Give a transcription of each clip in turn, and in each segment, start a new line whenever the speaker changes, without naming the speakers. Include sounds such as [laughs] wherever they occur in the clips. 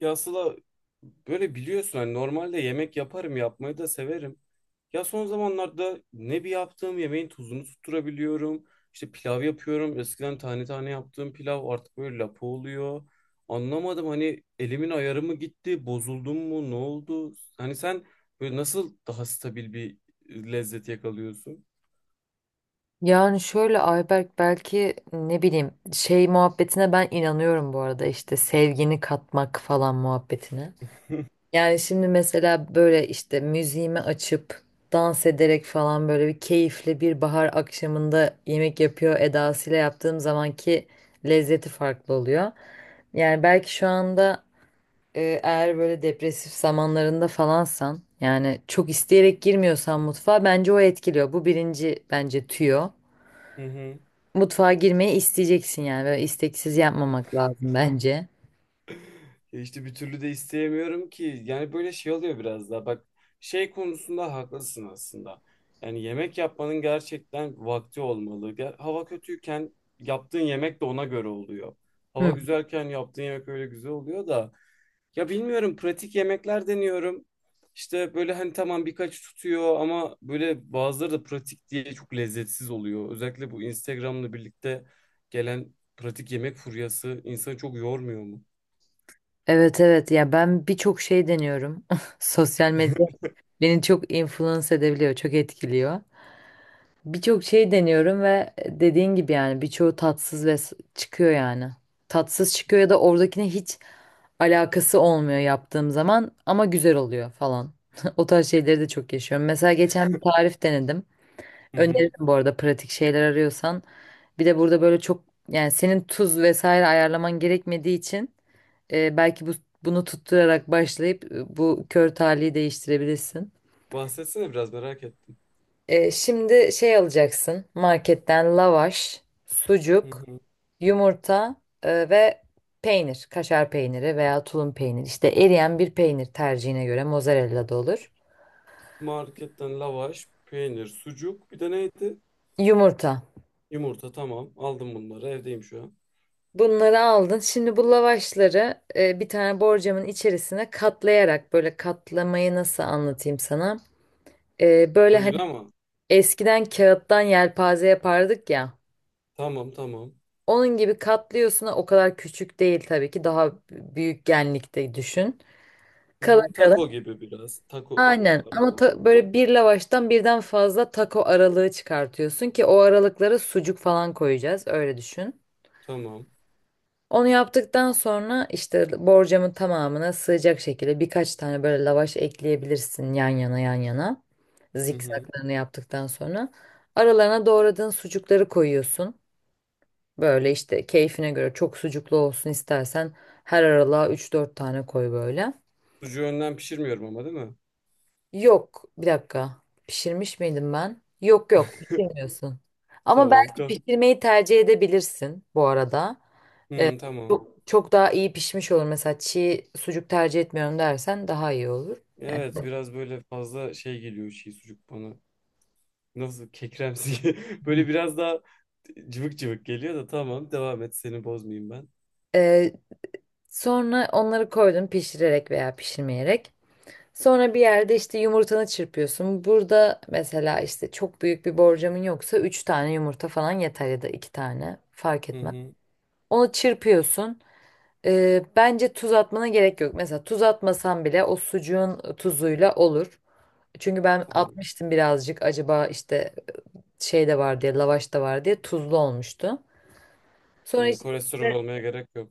Ya Sıla, böyle biliyorsun hani normalde yemek yaparım, yapmayı da severim. Ya son zamanlarda ne bir yaptığım yemeğin tuzunu tutturabiliyorum. İşte pilav yapıyorum. Eskiden tane tane yaptığım pilav artık böyle lapa oluyor. Anlamadım, hani elimin ayarı mı gitti, bozuldum mu, ne oldu? Hani sen böyle nasıl daha stabil bir lezzet yakalıyorsun?
Yani şöyle Ayberk belki ne bileyim şey muhabbetine ben inanıyorum bu arada işte sevgini katmak falan muhabbetine.
[laughs]
Yani şimdi mesela böyle işte müziğimi açıp dans ederek falan böyle bir keyifli bir bahar akşamında yemek yapıyor edasıyla yaptığım zamanki lezzeti farklı oluyor. Yani belki şu anda eğer böyle depresif zamanlarında falansan yani çok isteyerek girmiyorsan mutfağa bence o etkiliyor. Bu birinci bence tüyo.
Hı hı.
Mutfağa girmeyi isteyeceksin yani. Böyle isteksiz yapmamak lazım bence.
Ya İşte bir türlü de isteyemiyorum ki. Yani böyle şey oluyor biraz daha. Bak, şey konusunda haklısın aslında. Yani yemek yapmanın gerçekten vakti olmalı. Hava kötüyken yaptığın yemek de ona göre oluyor.
Hı.
Hava güzelken yaptığın yemek öyle güzel oluyor da. Ya bilmiyorum, pratik yemekler deniyorum. İşte böyle hani tamam, birkaç tutuyor ama böyle bazıları da pratik diye çok lezzetsiz oluyor. Özellikle bu Instagram'la birlikte gelen pratik yemek furyası insanı çok yormuyor mu?
Evet evet ya ben birçok şey deniyorum. [laughs] Sosyal medya beni çok influence edebiliyor, çok etkiliyor. Birçok şey deniyorum ve dediğin gibi yani birçoğu tatsız ve çıkıyor yani. Tatsız çıkıyor ya da oradakine hiç alakası olmuyor yaptığım zaman ama güzel oluyor falan. [laughs] O tarz şeyleri de çok yaşıyorum. Mesela geçen bir tarif denedim.
[laughs]
Öneririm bu arada pratik şeyler arıyorsan. Bir de burada böyle çok yani senin tuz vesaire ayarlaman gerekmediği için belki bu bunu tutturarak başlayıp bu kör talihi değiştirebilirsin.
Bahsetsene, biraz merak ettim.
Şimdi şey alacaksın marketten lavaş,
Hı
sucuk,
hı.
yumurta ve peynir, kaşar peyniri veya tulum peyniri. İşte eriyen bir peynir tercihine göre mozzarella da olur.
Marketten lavaş, peynir, sucuk. Bir de neydi?
Yumurta.
Yumurta, tamam. Aldım bunları. Evdeyim şu an.
Bunları aldın. Şimdi bu lavaşları bir tane borcamın içerisine katlayarak böyle katlamayı nasıl anlatayım sana? Böyle
Oyun
hani
ama.
eskiden kağıttan yelpaze yapardık ya.
Tamam tamam.
Onun gibi katlıyorsun. O kadar küçük değil tabii ki. Daha büyük genlikte düşün.
Hı
Kalın
hı. Taco
kalın.
gibi biraz. Taco
Aynen. Ama
aralarında.
böyle bir lavaştan birden fazla taco aralığı çıkartıyorsun ki o aralıklara sucuk falan koyacağız. Öyle düşün.
Tamam.
Onu yaptıktan sonra işte borcamın tamamına sığacak şekilde birkaç tane böyle lavaş ekleyebilirsin yan yana yan yana.
Hı hı.
Zikzaklarını yaptıktan sonra aralarına doğradığın sucukları koyuyorsun. Böyle işte keyfine göre çok sucuklu olsun istersen her aralığa üç dört tane koy böyle.
Sucuğu önden pişirmiyorum ama değil mi?
Yok bir dakika pişirmiş miydim ben? Yok yok pişirmiyorsun. Ama
Tamam.
belki pişirmeyi tercih edebilirsin bu arada. Ee,
Hı, tamam.
çok, çok daha iyi pişmiş olur. Mesela çiğ sucuk tercih etmiyorum dersen daha iyi olur.
Evet,
Yani.
biraz böyle fazla şey geliyor, şey, sucuk bana. Nasıl, kekremsi. [laughs] Böyle biraz daha cıvık cıvık geliyor da, tamam. Devam et, seni bozmayayım ben.
Ee, sonra onları koydun pişirerek veya pişirmeyerek. Sonra bir yerde işte yumurtanı çırpıyorsun. Burada mesela işte çok büyük bir borcamın yoksa 3 tane yumurta falan yeter ya da 2 tane fark
Hı
etmez.
hı.
Onu çırpıyorsun. Bence tuz atmana gerek yok. Mesela tuz atmasan bile o sucuğun tuzuyla olur. Çünkü ben
Tamam.
atmıştım birazcık acaba işte şey de var diye, lavaş da var diye tuzlu olmuştu. Sonra
Hmm, kolesterol
içerisinde
olmaya gerek yok.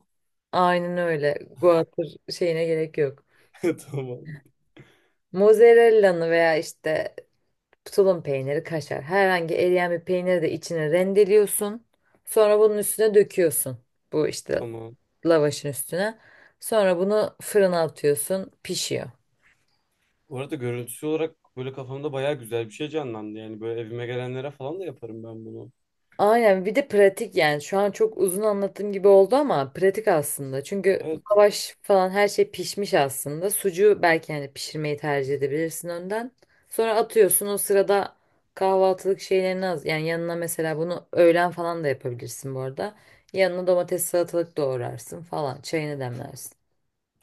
aynen öyle guatr şeyine gerek yok.
[laughs] Tamam.
Mozzarella'nı veya işte tulum peyniri, kaşar herhangi eriyen bir peyniri de içine rendeliyorsun. Sonra bunun üstüne döküyorsun. Bu işte
Tamam.
lavaşın üstüne. Sonra bunu fırına atıyorsun, pişiyor.
Bu arada görüntüsü olarak böyle kafamda bayağı güzel bir şey canlandı. Yani böyle evime gelenlere falan da yaparım ben bunu.
Aynen bir de pratik yani şu an çok uzun anlattığım gibi oldu ama pratik aslında. Çünkü
Evet.
lavaş falan her şey pişmiş aslında. Sucuğu belki hani pişirmeyi tercih edebilirsin önden. Sonra atıyorsun o sırada kahvaltılık şeylerini az yani yanına mesela bunu öğlen falan da yapabilirsin bu arada. Yanına domates salatalık doğrarsın falan çayını demlersin.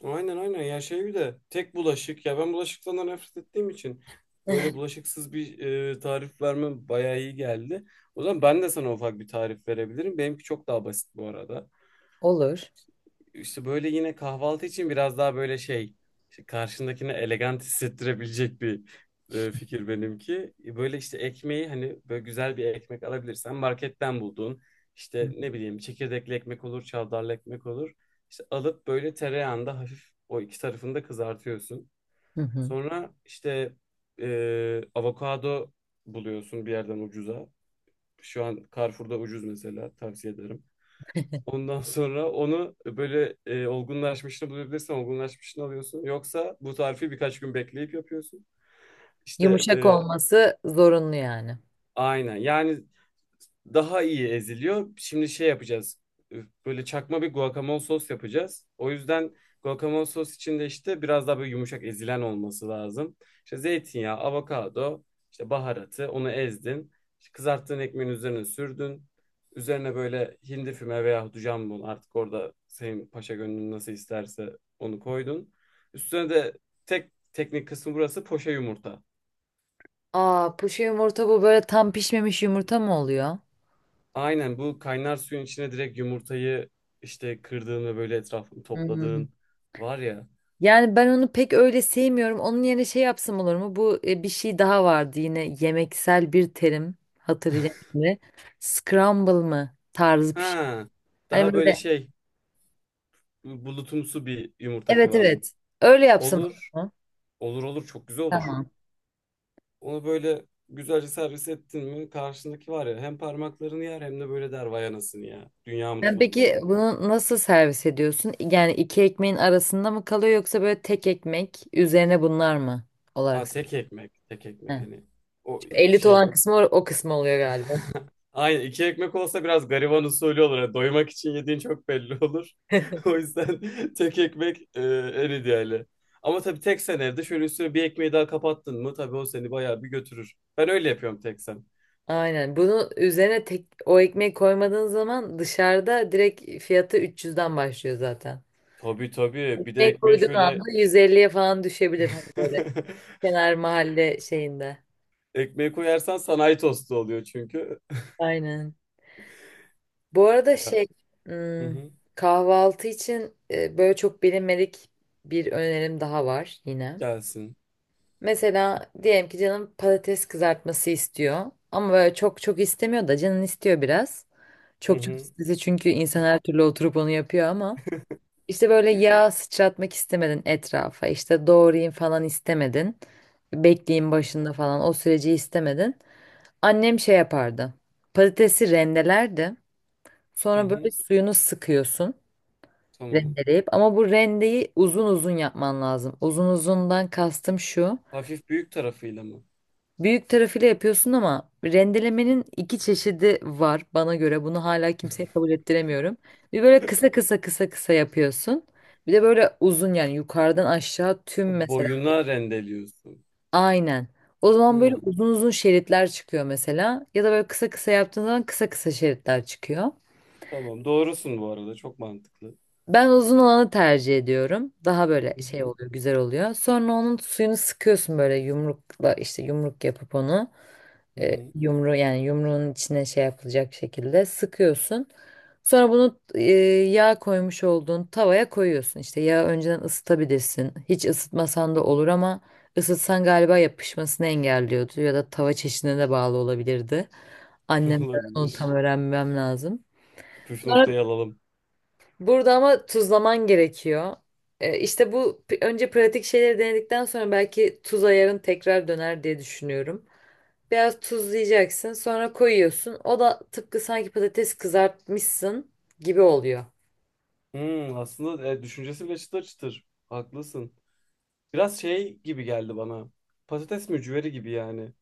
Aynen aynen. Ya şey, bir de tek bulaşık. Ya ben bulaşıktan da nefret ettiğim için böyle
[laughs]
bulaşıksız bir tarif vermem bayağı iyi geldi. O zaman ben de sana ufak bir tarif verebilirim. Benimki çok daha basit bu arada.
Olur.
İşte böyle yine kahvaltı için biraz daha böyle şey, işte karşındakine elegant hissettirebilecek bir fikir benimki. E, böyle işte ekmeği hani böyle güzel bir ekmek alabilirsen marketten bulduğun, işte ne bileyim, çekirdekli ekmek olur, çavdarlı ekmek olur. İşte alıp böyle tereyağında hafif o iki tarafını da kızartıyorsun.
Hı hı.
Sonra işte avokado buluyorsun bir yerden ucuza. Şu an Carrefour'da ucuz mesela, tavsiye ederim. Ondan sonra onu böyle, olgunlaşmışını bulabilirsen olgunlaşmışını alıyorsun. Yoksa bu tarifi birkaç gün bekleyip yapıyorsun. İşte
Yumuşak olması zorunlu yani.
aynen. Yani daha iyi eziliyor. Şimdi şey yapacağız. Böyle çakma bir guacamole sos yapacağız. O yüzden guacamole sos içinde işte biraz daha böyle yumuşak ezilen olması lazım. İşte zeytinyağı, avokado, işte baharatı, onu ezdin. İşte kızarttığın ekmeğin üzerine sürdün. Üzerine böyle hindi füme veya jambon, artık orada senin paşa gönlün nasıl isterse onu koydun. Üstüne de tek teknik kısmı burası, poşe yumurta.
Aa puşu yumurta bu böyle tam pişmemiş yumurta mı oluyor?
Aynen, bu kaynar suyun içine direkt yumurtayı işte kırdığın ve böyle etrafını
Hı hı.
topladığın var ya.
Yani ben onu pek öyle sevmiyorum. Onun yerine şey yapsam olur mu? Bu bir şey daha vardı yine yemeksel bir terim hatırlayacağım şimdi. Scramble mı tarzı bir şey.
Ha,
Hani
daha böyle
böyle
şey, bulutumsu bir yumurta
evet
kıvamı.
evet öyle yapsam olur
Olur.
mu?
Olur olur, çok güzel olur.
Tamam.
Onu böyle güzelce servis ettin mi, karşındaki var ya, hem parmaklarını yer hem de böyle der vay anasını ya. Dünya
Yani
mutfağındayım.
peki bunu nasıl servis ediyorsun? Yani iki ekmeğin arasında mı kalıyor yoksa böyle tek ekmek üzerine bunlar mı olarak?
Aa, tek ekmek. Tek
He.
ekmek hani. O
Şu elit
şey.
olan kısmı o, o kısmı oluyor galiba.
[laughs] Aynen, iki ekmek olsa biraz gariban usulü olur. Yani doymak için yediğin çok belli olur. [laughs] O yüzden [laughs] tek ekmek en ideali. Ama tabii tek sen evde şöyle üstüne bir ekmeği daha kapattın mı, tabii o seni bayağı bir götürür. Ben öyle yapıyorum tek sen.
Aynen. Bunu üzerine tek o ekmeği koymadığın zaman dışarıda direkt fiyatı 300'den başlıyor zaten.
Tabii tabii, bir de
Ekmek
ekmeği
koyduğun anda
şöyle
150'ye falan düşebilir hani böyle
[laughs]
kenar mahalle şeyinde.
ekmeği koyarsan sanayi tostu oluyor çünkü. [laughs]
Aynen. Bu arada
Ya,
şey
hı
hmm,
hı,
kahvaltı için böyle çok bilinmedik bir önerim daha var yine.
gelsin.
Mesela diyelim ki canım patates kızartması istiyor ama böyle çok çok istemiyor da canın istiyor biraz.
Hı
Çok çok
hı,
istese çünkü insan her türlü oturup onu yapıyor ama. İşte böyle yağ sıçratmak istemedin etrafa. İşte doğrayayım falan istemedin. Bekleyin başında falan o süreci istemedin. Annem şey yapardı. Patatesi rendelerdi.
hı
Sonra böyle
hı,
suyunu sıkıyorsun
tamam.
rendeleyip ama bu rendeyi uzun uzun yapman lazım. Uzun uzundan kastım şu.
Hafif büyük tarafıyla mı? [laughs]
Büyük tarafıyla yapıyorsun ama rendelemenin iki çeşidi var bana göre. Bunu hala kimseye kabul ettiremiyorum. Bir böyle kısa kısa kısa kısa yapıyorsun. Bir de böyle uzun yani yukarıdan aşağı
Ha,
tüm mesela.
boyuna rendeliyorsun.
Aynen. O zaman böyle
Ha,
uzun uzun şeritler çıkıyor mesela. Ya da böyle kısa kısa yaptığın zaman kısa kısa şeritler çıkıyor.
tamam, doğrusun bu arada, çok mantıklı.
Ben uzun olanı tercih ediyorum. Daha böyle
Hı
şey
hı,
oluyor, güzel oluyor. Sonra onun suyunu sıkıyorsun böyle yumrukla işte yumruk yapıp onu
hı hı.
yumru yani yumruğun içine şey yapılacak şekilde sıkıyorsun. Sonra bunu yağ koymuş olduğun tavaya koyuyorsun. İşte yağı önceden ısıtabilirsin. Hiç ısıtmasan da olur ama ısıtsan galiba yapışmasını engelliyordu ya da tava çeşidine de bağlı olabilirdi.
[laughs]
Annemden onu tam
Olabilir.
öğrenmem lazım.
Püf
Sonra
noktayı alalım.
burada ama tuzlaman gerekiyor. İşte bu önce pratik şeyleri denedikten sonra belki tuz ayarın tekrar döner diye düşünüyorum. Biraz tuzlayacaksın, sonra koyuyorsun. O da tıpkı sanki patates kızartmışsın gibi oluyor.
Hmm, aslında düşüncesi bile çıtır çıtır. Haklısın. Biraz şey gibi geldi bana. Patates mücveri gibi yani.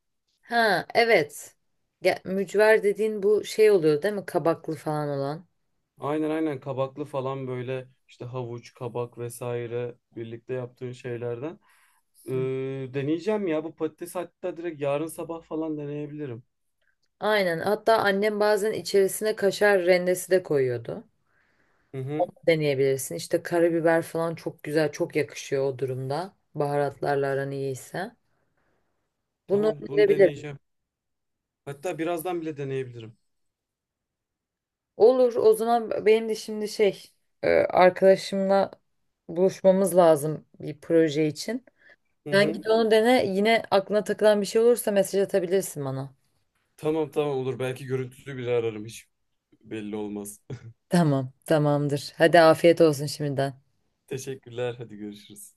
Ha, evet. Ya, mücver dediğin bu şey oluyor değil mi? Kabaklı falan olan.
Aynen aynen, kabaklı falan, böyle işte havuç, kabak vesaire birlikte yaptığın şeylerden. Ee,
Hı.
deneyeceğim ya bu patates, hatta direkt yarın sabah falan deneyebilirim.
Aynen. Hatta annem bazen içerisine kaşar rendesi de koyuyordu.
Hı hı.
Deneyebilirsin. İşte karabiber falan çok güzel, çok yakışıyor o durumda. Baharatlarla aran iyiyse. Bunu
Tamam, bunu
önerebilirim.
deneyeceğim. Hatta birazdan bile deneyebilirim.
Olur, o zaman benim de şimdi şey, arkadaşımla buluşmamız lazım bir proje için.
Hı
Sen
hı.
git onu dene. Yine aklına takılan bir şey olursa mesaj atabilirsin bana.
Tamam tamam, olur. Belki görüntülü bile ararım. Hiç belli olmaz.
Tamam, tamamdır. Hadi afiyet olsun şimdiden.
Teşekkürler. Hadi görüşürüz.